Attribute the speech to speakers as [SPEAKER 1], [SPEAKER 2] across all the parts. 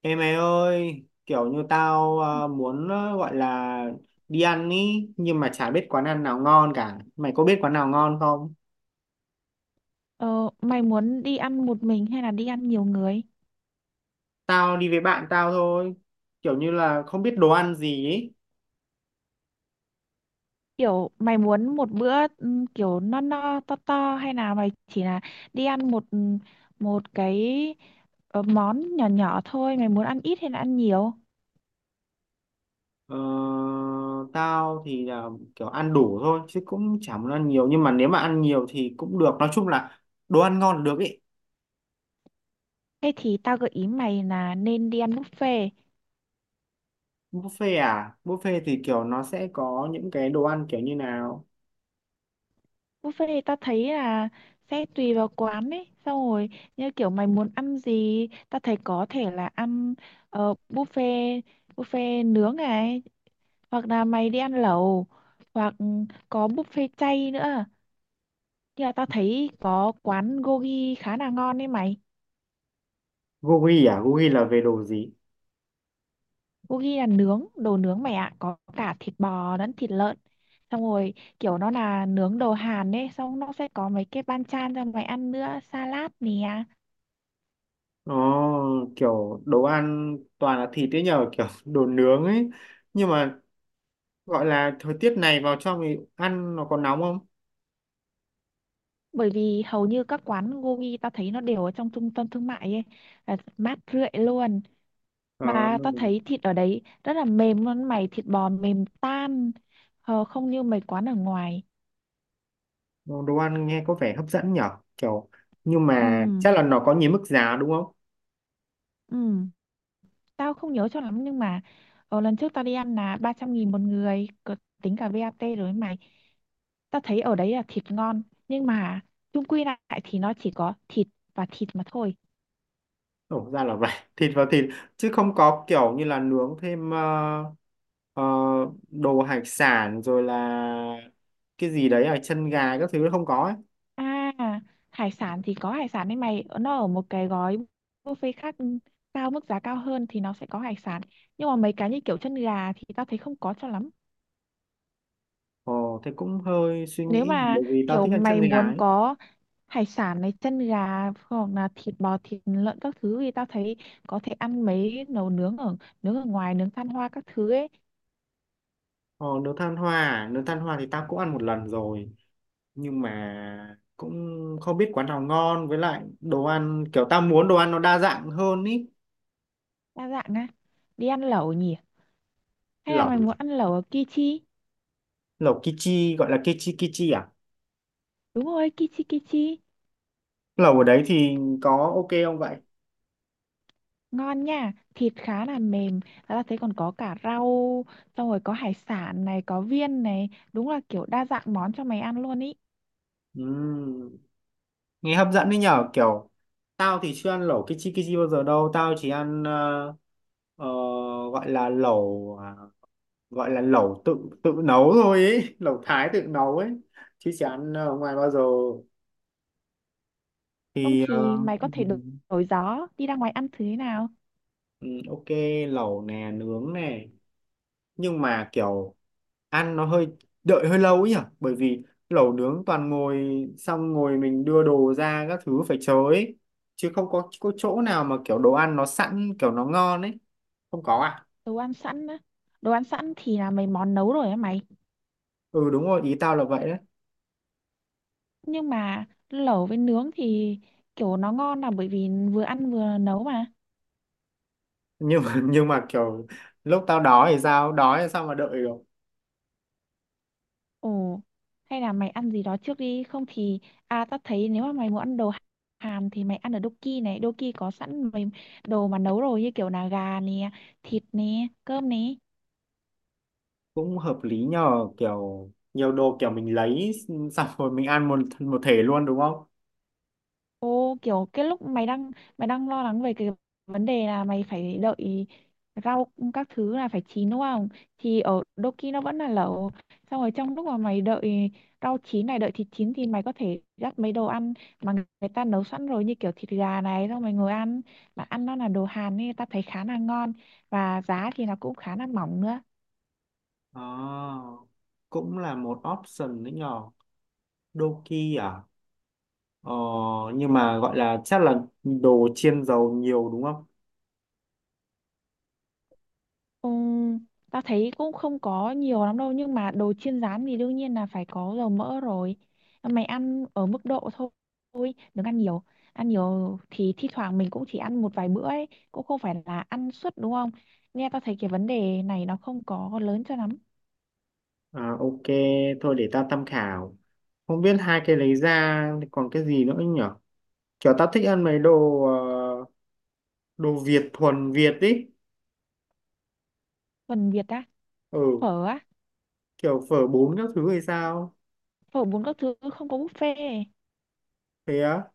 [SPEAKER 1] Ê mày ơi, kiểu như tao muốn gọi là đi ăn ý, nhưng mà chả biết quán ăn nào ngon cả. Mày có biết quán nào ngon không?
[SPEAKER 2] Ờ, mày muốn đi ăn một mình hay là đi ăn nhiều người?
[SPEAKER 1] Tao đi với bạn tao thôi, kiểu như là không biết đồ ăn gì ý.
[SPEAKER 2] Kiểu mày muốn một bữa kiểu no no to to, hay là mày chỉ là đi ăn một một cái món nhỏ nhỏ thôi, mày muốn ăn ít hay là ăn nhiều?
[SPEAKER 1] Ờ, tao thì là kiểu ăn đủ thôi, chứ cũng chả muốn ăn nhiều. Nhưng mà nếu mà ăn nhiều thì cũng được, nói chung là đồ ăn ngon là được ý.
[SPEAKER 2] Thế thì tao gợi ý mày là nên đi ăn buffet.
[SPEAKER 1] Buffet à? Buffet thì kiểu nó sẽ có những cái đồ ăn kiểu như nào?
[SPEAKER 2] Buffet thì tao thấy là sẽ tùy vào quán ấy, xong rồi như kiểu mày muốn ăn gì, tao thấy có thể là ăn ờ, buffet buffet nướng này, hoặc là mày đi ăn lẩu, hoặc có buffet chay nữa, nhưng mà tao thấy có quán gogi khá là ngon đấy mày.
[SPEAKER 1] Gogi à? Gogi là về đồ gì?
[SPEAKER 2] Gogi là nướng, đồ nướng mày ạ, có cả thịt bò lẫn thịt lợn, xong rồi kiểu nó là nướng đồ Hàn ấy, xong nó sẽ có mấy cái banchan cho mày ăn nữa, salad nè.
[SPEAKER 1] Nó kiểu đồ ăn toàn là thịt ấy nhờ kiểu đồ nướng ấy, nhưng mà gọi là thời tiết này vào trong thì ăn nó có nóng không?
[SPEAKER 2] Bởi vì hầu như các quán gogi tao thấy nó đều ở trong trung tâm thương mại ấy, là mát rượi luôn.
[SPEAKER 1] ờ,
[SPEAKER 2] Mà tao thấy thịt ở đấy rất là mềm luôn mày, thịt bò mềm tan. Ờ, không như mấy quán ở ngoài.
[SPEAKER 1] Đồ ăn nghe có vẻ hấp dẫn nhở, kiểu nhưng
[SPEAKER 2] Ừ,
[SPEAKER 1] mà chắc là nó có nhiều mức giá đúng không?
[SPEAKER 2] ừ, tao không nhớ cho lắm, nhưng mà lần trước tao đi ăn là 300.000 một người. Tính cả VAT rồi ấy mày. Tao thấy ở đấy là thịt ngon, nhưng mà chung quy lại thì nó chỉ có thịt và thịt mà thôi.
[SPEAKER 1] Ồ, ra là vậy. Thịt vào thịt chứ không có kiểu như là nướng thêm ờ, đồ hải sản rồi là cái gì đấy à, chân gà các thứ không có ấy.
[SPEAKER 2] À, hải sản thì có hải sản đấy mày, nó ở một cái gói buffet khác, mức giá cao hơn thì nó sẽ có hải sản. Nhưng mà mấy cái như kiểu chân gà thì tao thấy không có cho lắm.
[SPEAKER 1] Ồ, thế cũng hơi suy
[SPEAKER 2] Nếu
[SPEAKER 1] nghĩ,
[SPEAKER 2] mà
[SPEAKER 1] bởi vì tao
[SPEAKER 2] kiểu
[SPEAKER 1] thích ăn chân
[SPEAKER 2] mày
[SPEAKER 1] gà
[SPEAKER 2] muốn
[SPEAKER 1] ấy.
[SPEAKER 2] có hải sản này, chân gà, hoặc là thịt bò, thịt lợn các thứ, thì tao thấy có thể ăn mấy nấu nướng ở ngoài, nướng than hoa các thứ ấy.
[SPEAKER 1] Ờ, nướng than hoa thì tao cũng ăn một lần rồi, nhưng mà cũng không biết quán nào ngon, với lại đồ ăn kiểu tao muốn đồ ăn nó đa dạng hơn ý.
[SPEAKER 2] Đa dạng á? Đi ăn lẩu nhỉ, hay là mày
[SPEAKER 1] Lẩu,
[SPEAKER 2] muốn ăn lẩu ở Kichi?
[SPEAKER 1] lẩu kichi gọi là kichi kichi à?
[SPEAKER 2] Đúng rồi, Kichi Kichi.
[SPEAKER 1] Lẩu ở đấy thì có ok không vậy?
[SPEAKER 2] Ngon nha, thịt khá là mềm, và tao thấy còn có cả rau, xong rồi có hải sản này, có viên này, đúng là kiểu đa dạng món cho mày ăn luôn ý.
[SPEAKER 1] Ừm, nghe hấp dẫn đấy nhở, kiểu tao thì chưa ăn lẩu kichi kichi bao giờ đâu, tao chỉ ăn ờ, gọi là lẩu à, gọi là lẩu tự tự nấu thôi ấy, lẩu Thái tự nấu ấy, chứ chả ăn ở ngoài bao giờ.
[SPEAKER 2] Không
[SPEAKER 1] thì ờ,
[SPEAKER 2] thì mày có thể đổi
[SPEAKER 1] ừm,
[SPEAKER 2] đổi gió đi ra ngoài ăn thứ thế nào.
[SPEAKER 1] ok, lẩu nè, nướng nè, nhưng mà kiểu ăn nó hơi, đợi hơi lâu ấy nhỉ, bởi vì lẩu nướng toàn ngồi, xong ngồi mình đưa đồ ra các thứ phải chờ ấy, chứ không có chỗ nào mà kiểu đồ ăn nó sẵn kiểu nó ngon ấy, không có à?
[SPEAKER 2] Đồ ăn sẵn á? Đồ ăn sẵn thì là mấy món nấu rồi á mày.
[SPEAKER 1] Ừ đúng rồi, ý tao là vậy đấy.
[SPEAKER 2] Nhưng mà lẩu với nướng thì kiểu nó ngon là bởi vì vừa ăn vừa nấu mà.
[SPEAKER 1] Nhưng mà kiểu lúc tao đói thì sao, đói thì sao mà đợi được?
[SPEAKER 2] Ồ, hay là mày ăn gì đó trước đi? Không thì tao thấy nếu mà mày muốn ăn đồ Hàn thì mày ăn ở Doki này, Doki có sẵn mấy đồ mà nấu rồi, như kiểu là gà nè, thịt nè, cơm nè.
[SPEAKER 1] Cũng hợp lý nhờ, kiểu nhiều đồ kiểu mình lấy xong rồi mình ăn một một thể luôn đúng không?
[SPEAKER 2] Ô, kiểu cái lúc mày đang lo lắng về cái vấn đề là mày phải đợi rau các thứ là phải chín đúng không? Thì ở Doki nó vẫn là lẩu. Xong rồi trong lúc mà mày đợi rau chín này, đợi thịt chín, thì mày có thể dắt mấy đồ ăn mà người ta nấu sẵn rồi, như kiểu thịt gà này, xong mày ngồi ăn. Mà ăn nó là đồ Hàn nên ta thấy khá là ngon, và giá thì nó cũng khá là mỏng nữa.
[SPEAKER 1] À, cũng là một option đấy nhỏ, Doki à, ờ, nhưng mà gọi là chắc là đồ chiên dầu nhiều đúng không?
[SPEAKER 2] Ừm, Tao thấy cũng không có nhiều lắm đâu, nhưng mà đồ chiên rán thì đương nhiên là phải có dầu mỡ rồi. Mày ăn ở mức độ thôi, đừng ăn nhiều. Ăn nhiều thì thi thoảng mình cũng chỉ ăn một vài bữa ấy, cũng không phải là ăn suốt đúng không? Nghe tao thấy cái vấn đề này nó không có lớn cho lắm.
[SPEAKER 1] À, ok, thôi để ta tham khảo. Không biết hai cái lấy ra thì còn cái gì nữa nhở, kiểu ta thích ăn mấy đồ đồ Việt thuần Việt ý.
[SPEAKER 2] Phần Việt á?
[SPEAKER 1] Ừ,
[SPEAKER 2] Phở á?
[SPEAKER 1] kiểu phở bún các thứ hay sao.
[SPEAKER 2] Phở bún các thứ không có buffet.
[SPEAKER 1] Thế á.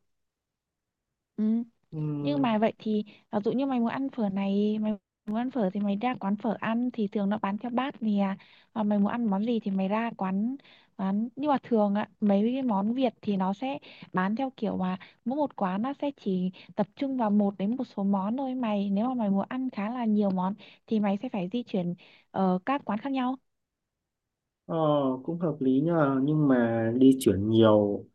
[SPEAKER 2] Ừ,
[SPEAKER 1] Ừ,
[SPEAKER 2] nhưng mà vậy thì ví dụ như mày muốn ăn phở này, mày muốn ăn phở thì mày ra quán phở ăn thì thường nó bán theo bát nè. Và mày muốn ăn món gì thì mày ra quán quán, nhưng mà thường á, mấy cái món Việt thì nó sẽ bán theo kiểu mà mỗi một quán nó sẽ chỉ tập trung vào một đến một số món thôi mày. Nếu mà mày muốn ăn khá là nhiều món thì mày sẽ phải di chuyển ở các quán khác nhau.
[SPEAKER 1] ờ, cũng hợp lý nhờ, nhưng mà đi chuyển nhiều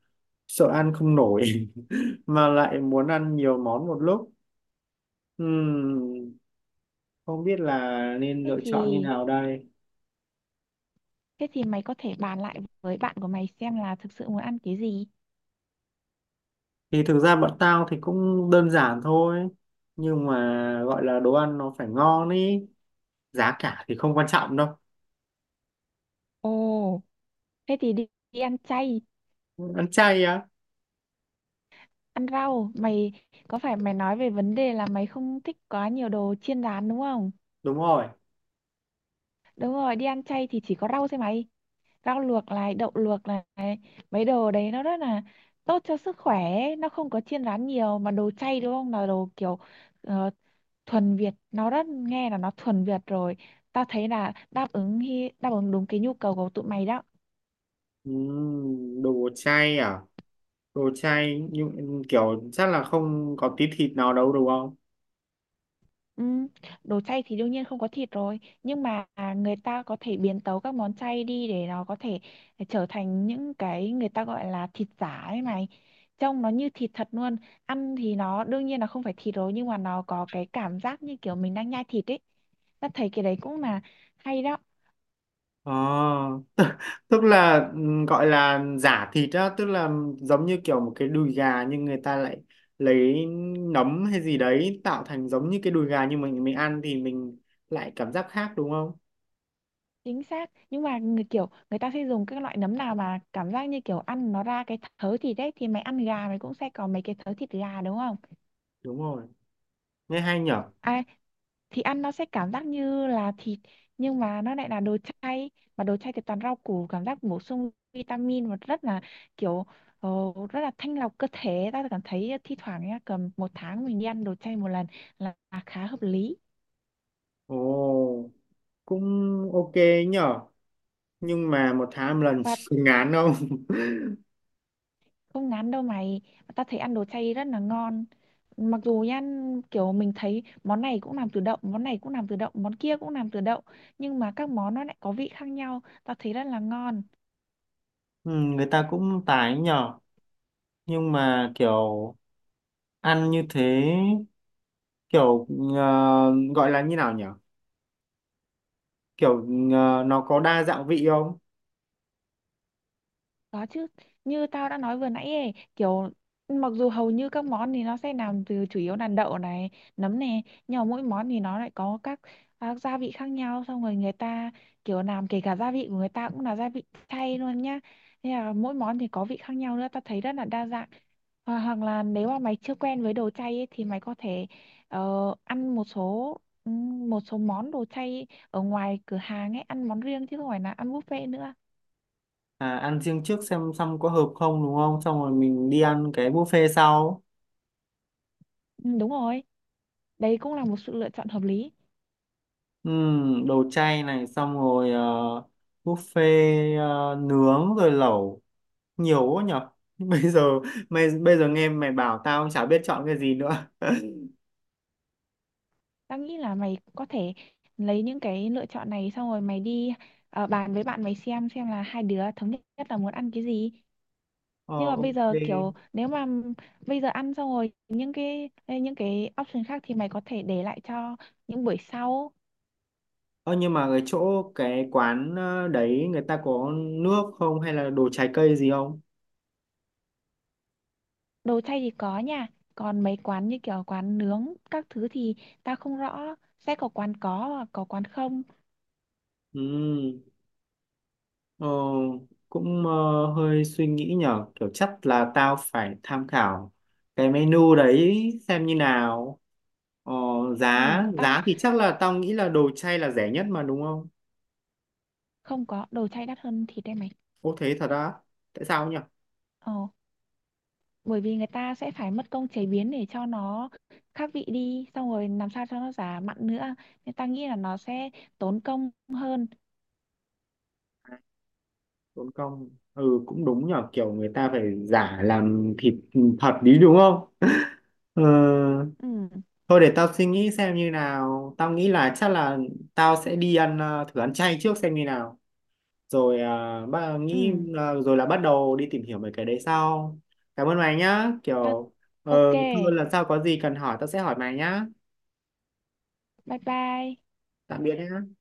[SPEAKER 1] sợ ăn không nổi. Mà lại muốn ăn nhiều món một lúc. Ừm, không biết là nên
[SPEAKER 2] Thế
[SPEAKER 1] lựa chọn như
[SPEAKER 2] thì
[SPEAKER 1] nào đây.
[SPEAKER 2] thế thì mày có thể bàn lại với bạn của mày xem là thực sự muốn ăn cái gì.
[SPEAKER 1] Thì thực ra bọn tao thì cũng đơn giản thôi, nhưng mà gọi là đồ ăn nó phải ngon ý, giá cả thì không quan trọng đâu.
[SPEAKER 2] Ồ, thế thì đi ăn chay.
[SPEAKER 1] Ăn chay á?
[SPEAKER 2] Ăn rau mày, có phải mày nói về vấn đề là mày không thích quá nhiều đồ chiên rán đúng không?
[SPEAKER 1] Đúng rồi.
[SPEAKER 2] Đúng rồi, đi ăn chay thì chỉ có rau thôi mày, rau luộc này, đậu luộc này, mấy đồ đấy nó rất là tốt cho sức khỏe ấy. Nó không có chiên rán nhiều, mà đồ chay đúng không, là đồ kiểu ờ, thuần Việt. Nó rất Nghe là nó thuần Việt rồi. Tao thấy là đáp ứng đúng cái nhu cầu của tụi mày đó.
[SPEAKER 1] Đồ chay à, đồ chay nhưng kiểu chắc là không có tí thịt nào đâu đúng không?
[SPEAKER 2] Ừ, đồ chay thì đương nhiên không có thịt rồi, nhưng mà người ta có thể biến tấu các món chay đi để nó có thể trở thành những cái người ta gọi là thịt giả ấy mày, trông nó như thịt thật luôn. Ăn thì nó đương nhiên là không phải thịt rồi, nhưng mà nó có cái cảm giác như kiểu mình đang nhai thịt ấy. Ta thấy cái đấy cũng là hay đó.
[SPEAKER 1] Ờ, tức là gọi là giả thịt á, tức là giống như kiểu một cái đùi gà nhưng người ta lại lấy nấm hay gì đấy tạo thành giống như cái đùi gà, nhưng mình ăn thì mình lại cảm giác khác đúng không?
[SPEAKER 2] Chính xác, nhưng mà người kiểu người ta sẽ dùng các loại nấm nào mà cảm giác như kiểu ăn nó ra cái thớ thịt đấy, thì mày ăn gà mày cũng sẽ có mấy cái thớ thịt gà đúng không?
[SPEAKER 1] Đúng rồi, nghe hay nhở.
[SPEAKER 2] Ai thì ăn nó sẽ cảm giác như là thịt, nhưng mà nó lại là đồ chay. Mà đồ chay thì toàn rau củ, cảm giác bổ sung vitamin, và rất là kiểu ờ, rất là thanh lọc cơ thể. Ta cảm thấy thi thoảng nhá, cầm một tháng mình đi ăn đồ chay một lần là khá hợp lý.
[SPEAKER 1] Ồ, cũng ok nhở, nhưng mà một tháng một lần
[SPEAKER 2] Và
[SPEAKER 1] ngán không?
[SPEAKER 2] không ngán đâu mày, ta thấy ăn đồ chay rất là ngon. Mặc dù nha, kiểu mình thấy món này cũng làm từ đậu, món này cũng làm từ đậu, món kia cũng làm từ đậu, nhưng mà các món nó lại có vị khác nhau, ta thấy rất là ngon.
[SPEAKER 1] Ừ, người ta cũng tài ấy nhở, nhưng mà kiểu ăn như thế kiểu, gọi là như nào nhở, kiểu nó có đa dạng vị không?
[SPEAKER 2] Có chứ, như tao đã nói vừa nãy ấy, kiểu mặc dù hầu như các món thì nó sẽ làm từ chủ yếu là đậu này, nấm này, nhưng mà mỗi món thì nó lại có các gia vị khác nhau, xong rồi người ta kiểu làm kể cả gia vị của người ta cũng là gia vị chay luôn nhá. Nên là mỗi món thì có vị khác nhau nữa, tao thấy rất là đa dạng. Hoặc là nếu mà mày chưa quen với đồ chay ấy, thì mày có thể ăn một số món đồ chay ở ngoài cửa hàng ấy, ăn món riêng chứ không phải là ăn buffet nữa.
[SPEAKER 1] À, ăn riêng trước xem xong có hợp không đúng không, xong rồi mình đi ăn cái buffet sau.
[SPEAKER 2] Ừ, đúng rồi. Đấy cũng là một sự lựa chọn hợp lý.
[SPEAKER 1] Đồ chay này, xong rồi buffet, nướng rồi lẩu, nhiều quá nhở. Bây giờ mày, bây giờ nghe mày bảo tao cũng chả biết chọn cái gì nữa.
[SPEAKER 2] Tao nghĩ là mày có thể lấy những cái lựa chọn này, xong rồi mày đi bàn với bạn mày xem là hai đứa thống nhất là muốn ăn cái gì.
[SPEAKER 1] Ờ
[SPEAKER 2] Nhưng mà bây
[SPEAKER 1] ok.
[SPEAKER 2] giờ kiểu nếu mà bây giờ ăn xong rồi những cái option khác thì mày có thể để lại cho những buổi sau.
[SPEAKER 1] Ờ nhưng mà cái chỗ, cái quán đấy người ta có nước không, hay là đồ trái cây gì không?
[SPEAKER 2] Đồ chay thì có nha, còn mấy quán như kiểu quán nướng các thứ thì tao không rõ, sẽ có quán có và có quán không.
[SPEAKER 1] Ừ. Ờ, cũng hơi suy nghĩ nhở, kiểu chắc là tao phải tham khảo cái menu đấy xem như nào. ờ, Giá,
[SPEAKER 2] Ừ, tao
[SPEAKER 1] giá thì chắc là tao nghĩ là đồ chay là rẻ nhất mà đúng không?
[SPEAKER 2] không, có đồ chay đắt hơn thịt đây mày.
[SPEAKER 1] Ô, thế thật á? Tại sao nhở?
[SPEAKER 2] Ờ, bởi vì người ta sẽ phải mất công chế biến để cho nó khác vị đi, xong rồi làm sao cho nó giả mặn nữa, nên ta nghĩ là nó sẽ tốn công hơn.
[SPEAKER 1] Tốn công. Ừ cũng đúng nhở, kiểu người ta phải giả làm thịt thật đi đúng không? ờ,
[SPEAKER 2] Ừ.
[SPEAKER 1] Thôi để tao suy nghĩ xem như nào, tao nghĩ là chắc là tao sẽ đi ăn, thử ăn chay trước xem như nào rồi. À, ba nghĩ
[SPEAKER 2] Ừ.
[SPEAKER 1] là, rồi là bắt đầu đi tìm hiểu về cái đấy sau. Cảm ơn mày nhá,
[SPEAKER 2] Ta.
[SPEAKER 1] kiểu
[SPEAKER 2] OK.
[SPEAKER 1] thôi lần sau có gì cần hỏi tao sẽ hỏi mày nhá.
[SPEAKER 2] Bye bye.
[SPEAKER 1] Tạm biệt nhá.